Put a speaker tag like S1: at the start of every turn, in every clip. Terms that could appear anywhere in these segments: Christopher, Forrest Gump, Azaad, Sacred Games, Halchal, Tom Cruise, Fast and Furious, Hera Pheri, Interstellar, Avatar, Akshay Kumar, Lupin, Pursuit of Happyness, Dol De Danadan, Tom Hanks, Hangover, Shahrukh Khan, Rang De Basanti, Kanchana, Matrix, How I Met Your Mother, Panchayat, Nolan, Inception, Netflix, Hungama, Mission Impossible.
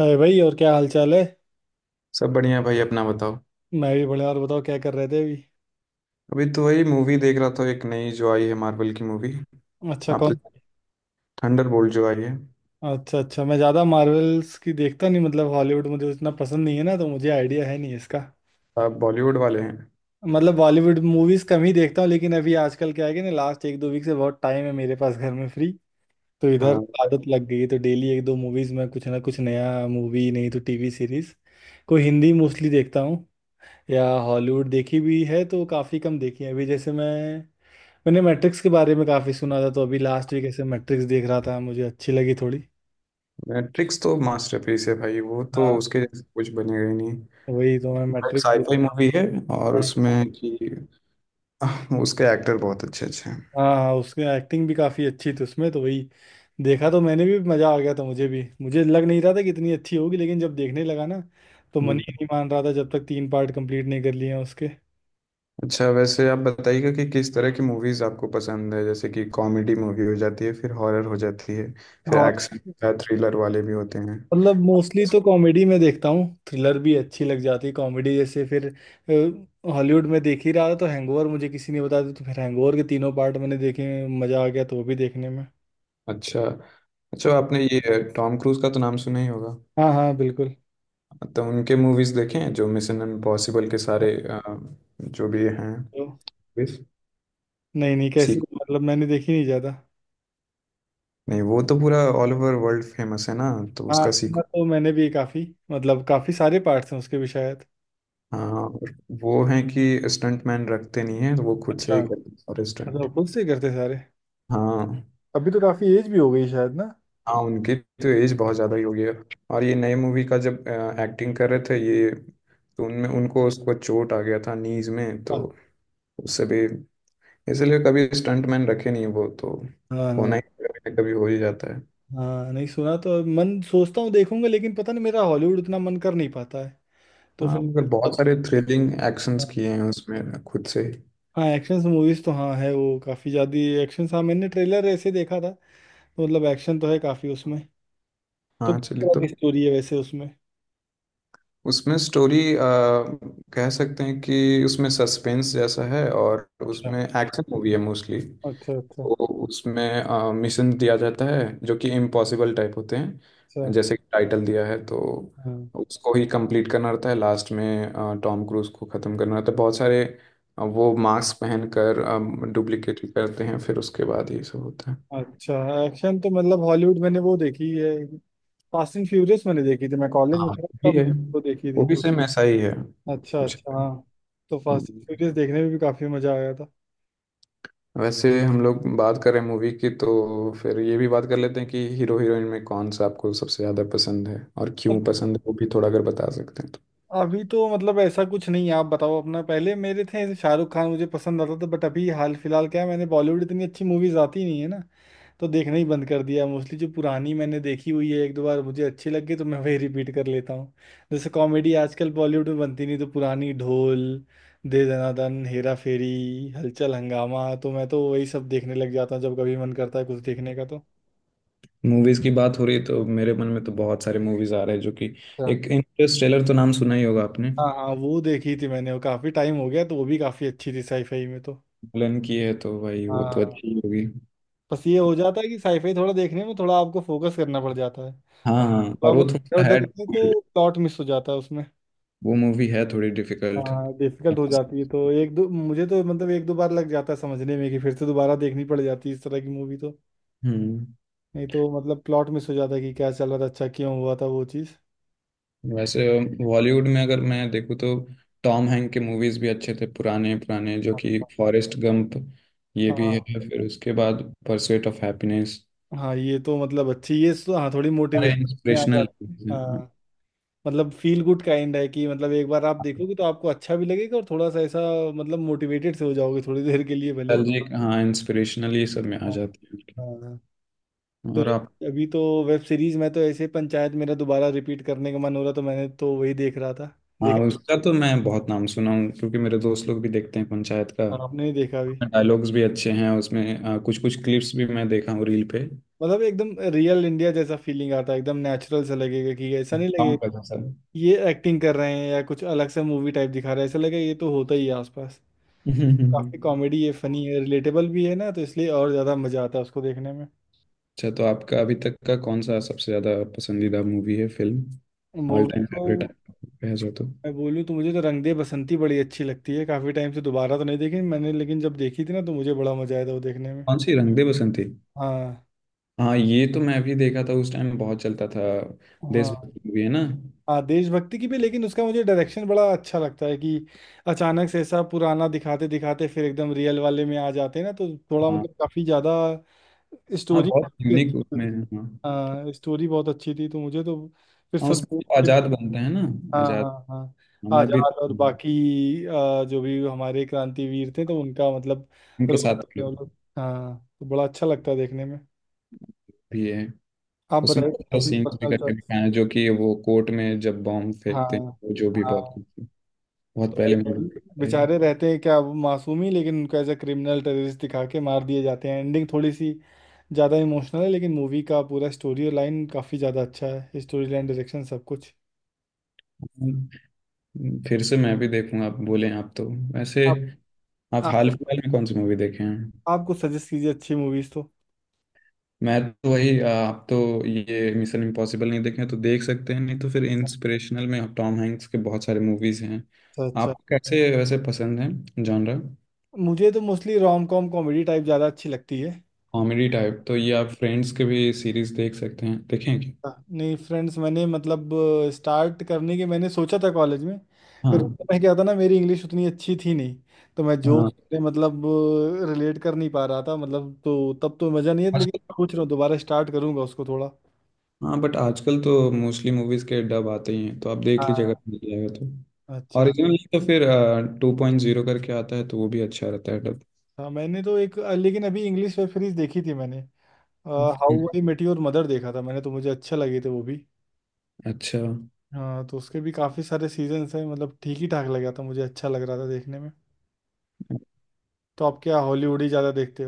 S1: अरे भाई, और क्या हाल चाल है।
S2: सब बढ़िया भाई, अपना बताओ।
S1: मैं भी बढ़िया। और बताओ, क्या कर रहे थे अभी।
S2: अभी तो वही मूवी देख रहा था, एक नई जो आई है मार्वल की मूवी।
S1: अच्छा,
S2: आप तो,
S1: कौन।
S2: थंडरबोल्ट जो आई है।
S1: अच्छा अच्छा, मैं ज़्यादा मार्वल्स की देखता नहीं। हॉलीवुड मुझे उतना पसंद नहीं है ना, तो मुझे आइडिया है नहीं इसका।
S2: आप बॉलीवुड वाले हैं?
S1: बॉलीवुड मूवीज कम ही देखता हूँ, लेकिन अभी आजकल क्या है कि ना, लास्ट 1 2 वीक से बहुत टाइम है मेरे पास घर में फ्री। तो इधर
S2: हाँ,
S1: आदत लग गई है, तो डेली 1 2 मूवीज में कुछ ना कुछ नया, मूवी नहीं तो टीवी सीरीज कोई हिंदी मोस्टली देखता हूँ। या हॉलीवुड देखी भी है तो काफ़ी कम देखी है। अभी जैसे मैंने मैट्रिक्स के बारे में काफी सुना था, तो अभी लास्ट वीक ऐसे मैट्रिक्स देख रहा था, मुझे अच्छी लगी थोड़ी।
S2: ट्रिक्स तो मास्टरपीस है भाई, वो तो
S1: हाँ,
S2: उसके जैसे कुछ बनेगा ही नहीं।
S1: वही तो मैं
S2: एक
S1: मैट्रिक्स देख
S2: साईफाई मूवी है और
S1: रहा हूँ।
S2: उसमें कि उसके एक्टर बहुत अच्छे अच्छे हैं।
S1: हाँ हाँ, उसकी एक्टिंग भी काफी अच्छी थी उसमें। तो वही देखा तो मैंने भी, मजा आ गया था। मुझे लग नहीं रहा था कि इतनी अच्छी होगी, लेकिन जब देखने लगा ना, तो मन
S2: हम्म।
S1: ही नहीं मान रहा था जब तक 3 पार्ट कंप्लीट नहीं कर लिए हैं उसके।
S2: अच्छा, वैसे आप बताइएगा कि किस तरह की मूवीज आपको पसंद है। जैसे कि कॉमेडी मूवी हो जाती है, फिर हॉरर हो जाती है, फिर एक्शन
S1: हाँ,
S2: या थ्रिलर वाले भी होते हैं।
S1: मोस्टली तो कॉमेडी में देखता हूँ, थ्रिलर भी अच्छी लग जाती है। कॉमेडी जैसे, फिर हॉलीवुड में देख ही रहा था तो हैंगओवर मुझे किसी ने बताया था, तो फिर हैंगओवर के तीनों पार्ट मैंने देखे। मज़ा आ गया, तो वो भी देखने में।
S2: अच्छा अच्छा, आपने ये टॉम क्रूज का तो नाम सुना ही होगा।
S1: हाँ हाँ बिल्कुल।
S2: तो उनके मूवीज देखे हैं, जो मिशन इम्पॉसिबल के सारे जो भी हैं
S1: तो,
S2: मूवीज
S1: नहीं नहीं, कैसे,
S2: सीक्वल।
S1: मैंने देखी नहीं ज़्यादा।
S2: नहीं, वो तो पूरा ऑल ओवर वर्ल्ड फेमस है ना, तो
S1: हाँ
S2: उसका
S1: सुना
S2: सीक्वल।
S1: तो मैंने भी काफ़ी। काफ़ी सारे पार्ट्स हैं उसके भी शायद।
S2: हाँ, और वो है कि स्टंट मैन रखते नहीं है, तो वो खुद से
S1: अच्छा,
S2: ही करते हैं सारे स्टंट।
S1: खुद से करते सारे।
S2: हाँ
S1: अभी तो काफ़ी एज भी हो गई शायद ना।
S2: हाँ, उनकी तो एज बहुत ज़्यादा ही हो गई है। और ये नए मूवी का जब एक्टिंग कर रहे थे ये, तो उनमें उनको उसको चोट आ गया था नीज में, तो
S1: हाँ
S2: उससे भी इसलिए कभी स्टंटमैन रखे नहीं वो तो,
S1: हाँ।
S2: होना
S1: हाँ,
S2: ही कभी ना कभी हो ही जाता है।
S1: हाँ, नहीं, सुना तो, मन सोचता हूँ देखूंगा, लेकिन पता नहीं मेरा हॉलीवुड उतना मन कर नहीं पाता है तो
S2: हाँ,
S1: फिर।
S2: मगर बहुत सारे थ्रिलिंग एक्शंस किए हैं उसमें खुद से।
S1: हाँ, एक्शन मूवीज तो हाँ है वो काफी ज्यादा। एक्शन, हाँ, मैंने ट्रेलर ऐसे देखा था, तो एक्शन तो है काफी उसमें। तो
S2: हाँ
S1: किस
S2: चलिए,
S1: तरह
S2: तो
S1: की स्टोरी है वैसे उसमें।
S2: उसमें स्टोरी, कह सकते हैं कि उसमें सस्पेंस जैसा है और
S1: अच्छा
S2: उसमें एक्शन मूवी है मोस्टली।
S1: अच्छा। अच्छा
S2: तो उसमें मिशन दिया जाता है जो कि इम्पॉसिबल टाइप होते हैं,
S1: अच्छा।
S2: जैसे कि टाइटल दिया है तो।
S1: हाँ,
S2: उसको ही कंप्लीट करना रहता है। लास्ट में टॉम क्रूज को ख़त्म करना रहता है बहुत सारे। वो मास्क पहनकर डुप्लीकेट करते हैं, फिर उसके बाद ये सब होता है।
S1: अच्छा। एक्शन तो, हॉलीवुड मैंने वो देखी है, फास्ट एंड फ्यूरियस मैंने देखी थी, मैं कॉलेज
S2: हाँ
S1: में
S2: वो
S1: था
S2: भी
S1: तब।
S2: है।
S1: वो देखी
S2: वो
S1: थी।
S2: भी सेम ऐसा ही है
S1: अच्छा
S2: कुछ।
S1: अच्छा, हाँ। तो फास्ट एंड
S2: हम्म,
S1: फ्यूरियस देखने में भी काफी मजा आया
S2: वैसे हम लोग बात करें मूवी की, तो फिर ये भी बात कर लेते हैं कि हीरो हीरोइन में कौन सा आपको सबसे ज़्यादा पसंद है, और
S1: था।
S2: क्यों पसंद है वो भी थोड़ा अगर बता सकते हैं तो।
S1: अभी तो, ऐसा कुछ नहीं है, आप बताओ अपना पहले। मेरे थे, जैसे शाहरुख खान मुझे पसंद आता था, बट अभी हाल फिलहाल क्या है, मैंने बॉलीवुड इतनी अच्छी मूवीज आती नहीं है ना, तो देखना ही बंद कर दिया। मोस्टली जो पुरानी मैंने देखी हुई है, 1 2 बार मुझे अच्छी लग गई, तो मैं वही रिपीट कर लेता हूँ। जैसे कॉमेडी आजकल बॉलीवुड में बनती नहीं, तो पुरानी ढोल, दे दनादन, हेरा फेरी, हलचल, हंगामा, तो मैं तो वही सब देखने लग जाता हूँ जब कभी मन करता है कुछ देखने का तो।
S2: मूवीज की बात हो रही है, तो मेरे मन में तो बहुत सारे मूवीज आ रहे हैं जो कि,
S1: अच्छा।
S2: एक इंटरस्टेलर तो नाम सुना ही होगा आपने।
S1: हाँ हाँ, वो देखी थी मैंने, वो काफी टाइम हो गया, तो वो भी काफी अच्छी थी साईफाई में तो।
S2: नोलन की है तो भाई, वो तो
S1: हाँ,
S2: अच्छी ही होगी।
S1: बस ये हो जाता है कि साईफाई थोड़ा देखने में थोड़ा आपको फोकस करना पड़ जाता है।
S2: हाँ हाँ,
S1: थोड़ा
S2: और वो
S1: बहुत
S2: थोड़ा
S1: इधर
S2: सा है
S1: उधर होते हैं
S2: difficult,
S1: तो प्लॉट मिस हो जाता है उसमें।
S2: वो मूवी है थोड़ी डिफिकल्ट।
S1: हाँ, डिफिकल्ट हो जाती है, तो एक दो, मुझे तो एक दो बार लग जाता है समझने में कि फिर से दोबारा देखनी पड़ जाती है इस तरह की मूवी तो।
S2: हम्म।
S1: नहीं तो प्लॉट मिस हो जाता है कि क्या चल रहा था, अच्छा क्यों हुआ था वो चीज़।
S2: वैसे बॉलीवुड में अगर मैं देखूँ तो, टॉम हैंक के मूवीज भी अच्छे थे पुराने पुराने, जो कि फॉरेस्ट गंप ये भी है,
S1: हाँ
S2: फिर उसके बाद परस्यूट ऑफ हैप्पीनेस।
S1: हाँ, ये तो अच्छी, ये हाँ, थोड़ी
S2: और
S1: मोटिवेशन में आ
S2: इंस्पिरेशनल,
S1: जाती है, हाँ। फील गुड काइंड है कि, एक बार आप देखोगे तो आपको अच्छा भी लगेगा और थोड़ा सा ऐसा, मोटिवेटेड से हो जाओगे थोड़ी देर के लिए भले ही।
S2: नॉस्टैल्जिक, हाँ इंस्पिरेशनल ये सब में आ
S1: हाँ।
S2: जाते हैं।
S1: हाँ। तो
S2: और आप?
S1: अभी तो वेब सीरीज में तो ऐसे पंचायत, मेरा दोबारा रिपीट करने का मन हो रहा, तो मैंने तो वही देख रहा था,
S2: हाँ,
S1: देखा।
S2: उसका तो मैं बहुत नाम सुना हूँ क्योंकि मेरे दोस्त लोग भी देखते हैं पंचायत का।
S1: हाँ, आपने नहीं देखा अभी।
S2: डायलॉग्स भी अच्छे हैं उसमें, कुछ कुछ क्लिप्स भी मैं देखा हूँ रील पे।
S1: एकदम रियल इंडिया जैसा फीलिंग आता है, एकदम नेचुरल सा लगेगा कि ऐसा नहीं
S2: गाँव का
S1: लगेगा
S2: जैसा।
S1: ये एक्टिंग कर रहे हैं या कुछ अलग सा मूवी टाइप दिखा रहा है। ऐसा लगेगा ये तो होता ही है आसपास। काफी कॉमेडी है, फनी है, रिलेटेबल भी है ना, तो इसलिए और ज्यादा मजा आता है उसको देखने में।
S2: अच्छा, तो आपका अभी तक का कौन सा सबसे ज्यादा पसंदीदा मूवी है, फिल्म? ऑल
S1: मूवी
S2: टाइम
S1: तो,
S2: फेवरेट है जो तो?
S1: मैं बोलूँ तो, मुझे तो रंग दे बसंती बड़ी अच्छी लगती है। काफी टाइम से दोबारा तो नहीं देखी मैंने, लेकिन जब देखी थी ना, तो मुझे बड़ा मजा आया था वो देखने में।
S2: कौन सी? रंग दे बसंती?
S1: हाँ।
S2: हाँ, ये तो मैं भी देखा था, उस टाइम बहुत चलता था।
S1: हाँ,
S2: देशभक्ति मूवी है ना?
S1: हाँ देशभक्ति की भी, लेकिन उसका मुझे डायरेक्शन बड़ा अच्छा लगता है कि अचानक से ऐसा पुराना दिखाते दिखाते फिर एकदम रियल वाले में आ जाते हैं ना, तो थोड़ा,
S2: हाँ
S1: काफी ज्यादा
S2: हाँ,
S1: स्टोरी
S2: बहुत
S1: अच्छी
S2: यूनिक उसमें
S1: थी।
S2: है, हाँ।
S1: हाँ, स्टोरी बहुत अच्छी थी, तो मुझे तो, फिर
S2: हाँ
S1: सद
S2: उसमें वो आजाद बनते हैं ना,
S1: हाँ
S2: आजाद।
S1: हाँ हाँ,
S2: हाँ, मैं भी
S1: आजाद और बाकी जो भी हमारे क्रांतिवीर थे, तो उनका
S2: उनके
S1: रोल
S2: साथ
S1: करते हैं वो
S2: लोग
S1: लोग। हाँ, तो बड़ा अच्छा लगता है देखने में।
S2: भी है
S1: आप
S2: उसमें।
S1: बताइए
S2: बहुत
S1: अपनी
S2: सीन्स भी
S1: पर्सनल चॉइस।
S2: करके दिखाए हैं जो कि, वो कोर्ट में जब बॉम्ब फेंकते
S1: हाँ।
S2: हैं, वो जो भी बहुत
S1: हाँ,
S2: कुछ
S1: तो
S2: बहुत पहले मैंने
S1: भाई
S2: देखा है।
S1: बेचारे रहते हैं क्या वो मासूम ही, लेकिन उनको एज ए क्रिमिनल टेररिस्ट दिखा के मार दिए जाते हैं। एंडिंग थोड़ी सी ज़्यादा इमोशनल है, लेकिन मूवी का पूरा स्टोरी लाइन काफ़ी ज़्यादा अच्छा है, स्टोरी लाइन, डायरेक्शन, सब कुछ।
S2: फिर से मैं भी देखूंगा, आप बोले आप तो। वैसे
S1: आप
S2: आप हाल
S1: आप
S2: फिलहाल में कौन सी मूवी देखे हैं?
S1: आप कुछ सजेस्ट कीजिए अच्छी मूवीज़ तो।
S2: मैं तो वही आप तो ये मिशन इम्पॉसिबल नहीं देखे हैं, तो देख सकते हैं। नहीं तो फिर इंस्पिरेशनल में आप टॉम हैंक्स के बहुत सारे मूवीज हैं।
S1: अच्छा। अच्छा,
S2: आपको कैसे वैसे पसंद है जॉनरा?
S1: मुझे तो mostly rom com comedy type ज़्यादा अच्छी लगती है।
S2: कॉमेडी टाइप, तो ये आप फ्रेंड्स के भी सीरीज देख सकते हैं, देखें क्या?
S1: हाँ, नहीं, फ्रेंड्स मैंने स्टार्ट करने के, मैंने सोचा था कॉलेज में। फिर उस
S2: हाँ
S1: समय क्या था ना, मेरी इंग्लिश उतनी अच्छी थी नहीं, तो मैं जो
S2: हाँ।
S1: उससे रिलेट कर नहीं पा रहा था, तो तब तो मज़ा नहीं है, लेकिन
S2: आजकल,
S1: सोच रहा हूँ दोबारा स्टार्ट करूंगा उसको थोड़ा।
S2: हाँ बट आजकल तो मोस्टली मूवीज के डब आते ही हैं, तो आप देख लीजिएगा,
S1: हाँ,
S2: मिल जाएगा तो
S1: अच्छा
S2: ओरिजिनल, नहीं तो फिर टू पॉइंट जीरो करके आता है, तो वो भी अच्छा रहता है डब।
S1: अच्छा। मैंने तो एक, लेकिन अभी इंग्लिश वेब सीरीज देखी थी मैंने, How I Met Your Mother देखा था मैंने, तो मुझे अच्छा लगे थे वो भी।
S2: अच्छा।
S1: हाँ, तो उसके भी काफ़ी सारे सीजन्स हैं। ठीक ही ठाक लगा था, मुझे अच्छा लग रहा था देखने में। तो आप क्या हॉलीवुड ही ज़्यादा देखते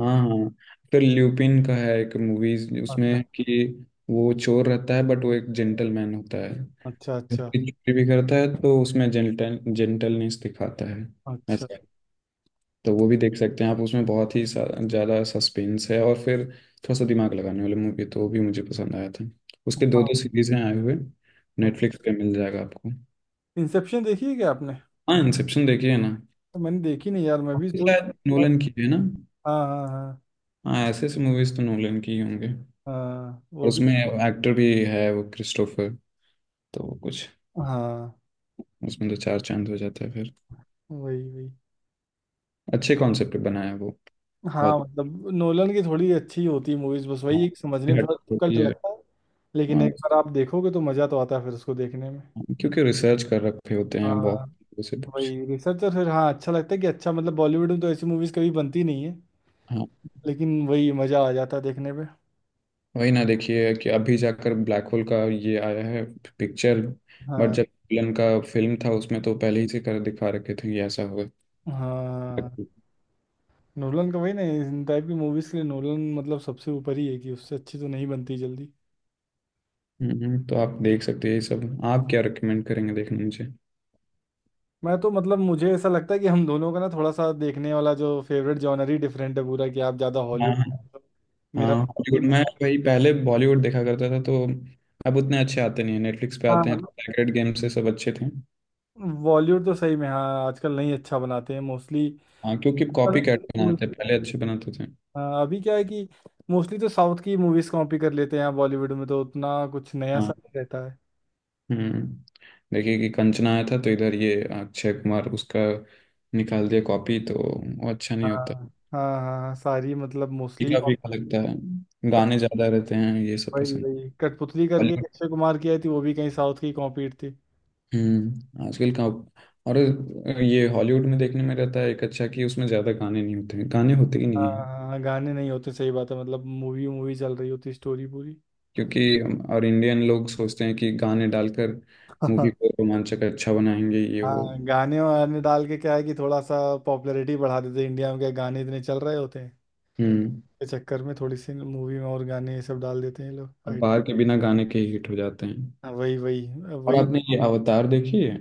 S2: हाँ हाँ, फिर ल्यूपिन का है एक मूवीज,
S1: हो।
S2: उसमें कि वो चोर रहता है बट वो एक जेंटलमैन होता है।
S1: अच्छा अच्छा।
S2: चोरी भी करता है, तो उसमें जेंटलनेस दिखाता है।
S1: अच्छा।
S2: तो वो भी देख सकते हैं आप, उसमें बहुत ही ज़्यादा सस्पेंस है, और फिर थोड़ा सा दिमाग लगाने वाली मूवी, तो वो भी मुझे पसंद आया था। उसके दो
S1: हाँ,
S2: दो सीरीज हैं आए हुए, नेटफ्लिक्स पे मिल जाएगा आपको।
S1: इंसेप्शन देखी है क्या आपने।
S2: हाँ इंसेप्शन देखिए ना।
S1: तो मैंने देखी नहीं यार, मैं भी
S2: ये
S1: सोच।
S2: शायद
S1: हाँ
S2: नोलन की है ना?
S1: हाँ। हाँ
S2: हाँ, ऐसे ऐसे मूवीज तो नोलन की ही होंगे।
S1: हाँ,
S2: और
S1: वो भी।
S2: उसमें एक्टर भी है वो, क्रिस्टोफर। तो वो कुछ
S1: हाँ,
S2: उसमें तो चार चांद हो जाता है फिर।
S1: वही वही।
S2: अच्छे कॉन्सेप्ट पे बनाया है वो,
S1: हाँ,
S2: बहुत
S1: नोलन की थोड़ी अच्छी होती है मूवीज, बस
S2: हाँ,
S1: वही एक समझने में
S2: हट
S1: थोड़ा
S2: होती
S1: डिफिकल्ट
S2: है।
S1: लगता है। लेकिन
S2: हाँ,
S1: एक बार आप देखोगे तो मजा तो आता है फिर उसको देखने में।
S2: क्योंकि रिसर्च कर रखे होते हैं
S1: हाँ,
S2: बहुत से कुछ।
S1: वही रिसर्चर, फिर हाँ अच्छा लगता है कि, अच्छा बॉलीवुड में तो ऐसी मूवीज कभी बनती नहीं है,
S2: हाँ।
S1: लेकिन वही मजा आ जाता है देखने पे।
S2: वही ना, देखिए कि अभी जाकर ब्लैक होल का ये आया है पिक्चर। बट
S1: हाँ
S2: जब विलन का फिल्म था उसमें, तो पहले ही से कर दिखा रखे थे ये ऐसा होगा।
S1: हाँ। नोलन का वही ना, इन टाइप की मूवीज के लिए नोलन सबसे ऊपर ही है, कि उससे अच्छी तो नहीं बनती जल्दी।
S2: तो आप देख सकते हैं ये सब। आप क्या रिकमेंड करेंगे देखने मुझे?
S1: मैं तो, मुझे ऐसा लगता है कि हम दोनों का ना थोड़ा सा देखने वाला जो फेवरेट जॉनर ही डिफरेंट है पूरा, कि आप ज़्यादा हॉलीवुड,
S2: हाँ
S1: मेरा।
S2: हाँ, हॉलीवुड में वही। पहले बॉलीवुड देखा करता था तो, अब उतने अच्छे आते नहीं है। नेटफ्लिक्स पे आते हैं,
S1: हाँ।
S2: तो सैक्रेड गेम से सब अच्छे थे।
S1: बॉलीवुड तो सही में हाँ आजकल नहीं अच्छा बनाते हैं मोस्टली।
S2: हाँ, क्योंकि कॉपी कैट बनाते थे, पहले अच्छे बनाते थे।
S1: हाँ, अभी क्या है कि मोस्टली तो साउथ की मूवीज कॉपी कर लेते हैं यहाँ बॉलीवुड में, तो उतना कुछ नया
S2: हाँ।
S1: सा नहीं रहता है।
S2: हम्म, देखिए कि कंचना आया था, तो इधर ये अक्षय कुमार उसका निकाल दिया कॉपी, तो वो अच्छा
S1: हाँ
S2: नहीं होता।
S1: हाँ। हाँ, हाँ, सारी मोस्टली,
S2: फीका फीका लगता है, गाने ज्यादा रहते हैं, ये सब
S1: वही
S2: पसंद।
S1: वही कठपुतली करके एक
S2: हॉलीवुड।
S1: अक्षय कुमार की आई थी, वो भी कहीं साउथ की कॉपी थी।
S2: हम्म, आजकल का। और ये हॉलीवुड में देखने में रहता है एक अच्छा कि उसमें ज्यादा गाने नहीं होते हैं, गाने होते ही नहीं
S1: हाँ
S2: हैं।
S1: हाँ, गाने नहीं होते, सही बात है। मूवी मूवी चल रही होती, स्टोरी पूरी।
S2: क्योंकि और इंडियन लोग सोचते हैं कि गाने डालकर मूवी को रोमांचक अच्छा बनाएंगे, ये वो।
S1: हाँ, गाने वाने डाल के क्या है कि थोड़ा सा पॉपुलैरिटी बढ़ा देते हैं। इंडिया में क्या, गाने इतने चल रहे होते हैं,
S2: हम्म।
S1: के चक्कर में थोड़ी सी मूवी में और गाने ये सब डाल देते हैं ये लोग,
S2: और
S1: आइटम।
S2: बाहर के बिना गाने के हिट हो जाते हैं।
S1: हाँ, वही वही,
S2: और
S1: वही।
S2: आपने ये अवतार देखी है?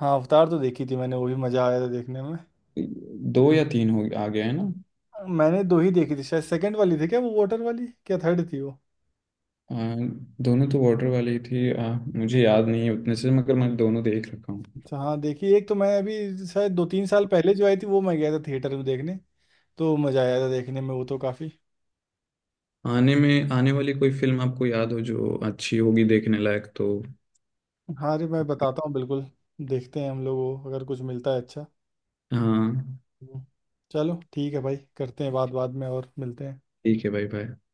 S1: हाँ, अवतार तो देखी थी मैंने, वो भी मजा आया था देखने में।
S2: दो या तीन हो आ गए हैं ना?
S1: मैंने दो ही देखी थी शायद, सेकंड वाली थी क्या, वो वाटर वाली क्या थर्ड थी वो।
S2: आ, दोनों तो वाटर वाली थी। मुझे याद नहीं है उतने से, मगर मैं दोनों देख रखा हूँ।
S1: अच्छा, हाँ, देखिए, एक तो मैं अभी शायद 2 3 साल पहले जो आई थी वो मैं गया था थिएटर में देखने, तो मज़ा आया था देखने में वो तो काफ़ी।
S2: आने में, आने वाली कोई फिल्म आपको याद हो जो अच्छी होगी देखने लायक तो?
S1: हाँ अरे, मैं बताता हूँ बिल्कुल। देखते हैं हम लोग वो, अगर कुछ मिलता है अच्छा।
S2: हाँ।
S1: हम्म। चलो ठीक है भाई, करते हैं बात बाद में, और मिलते हैं।
S2: ठीक है भाई, भाई।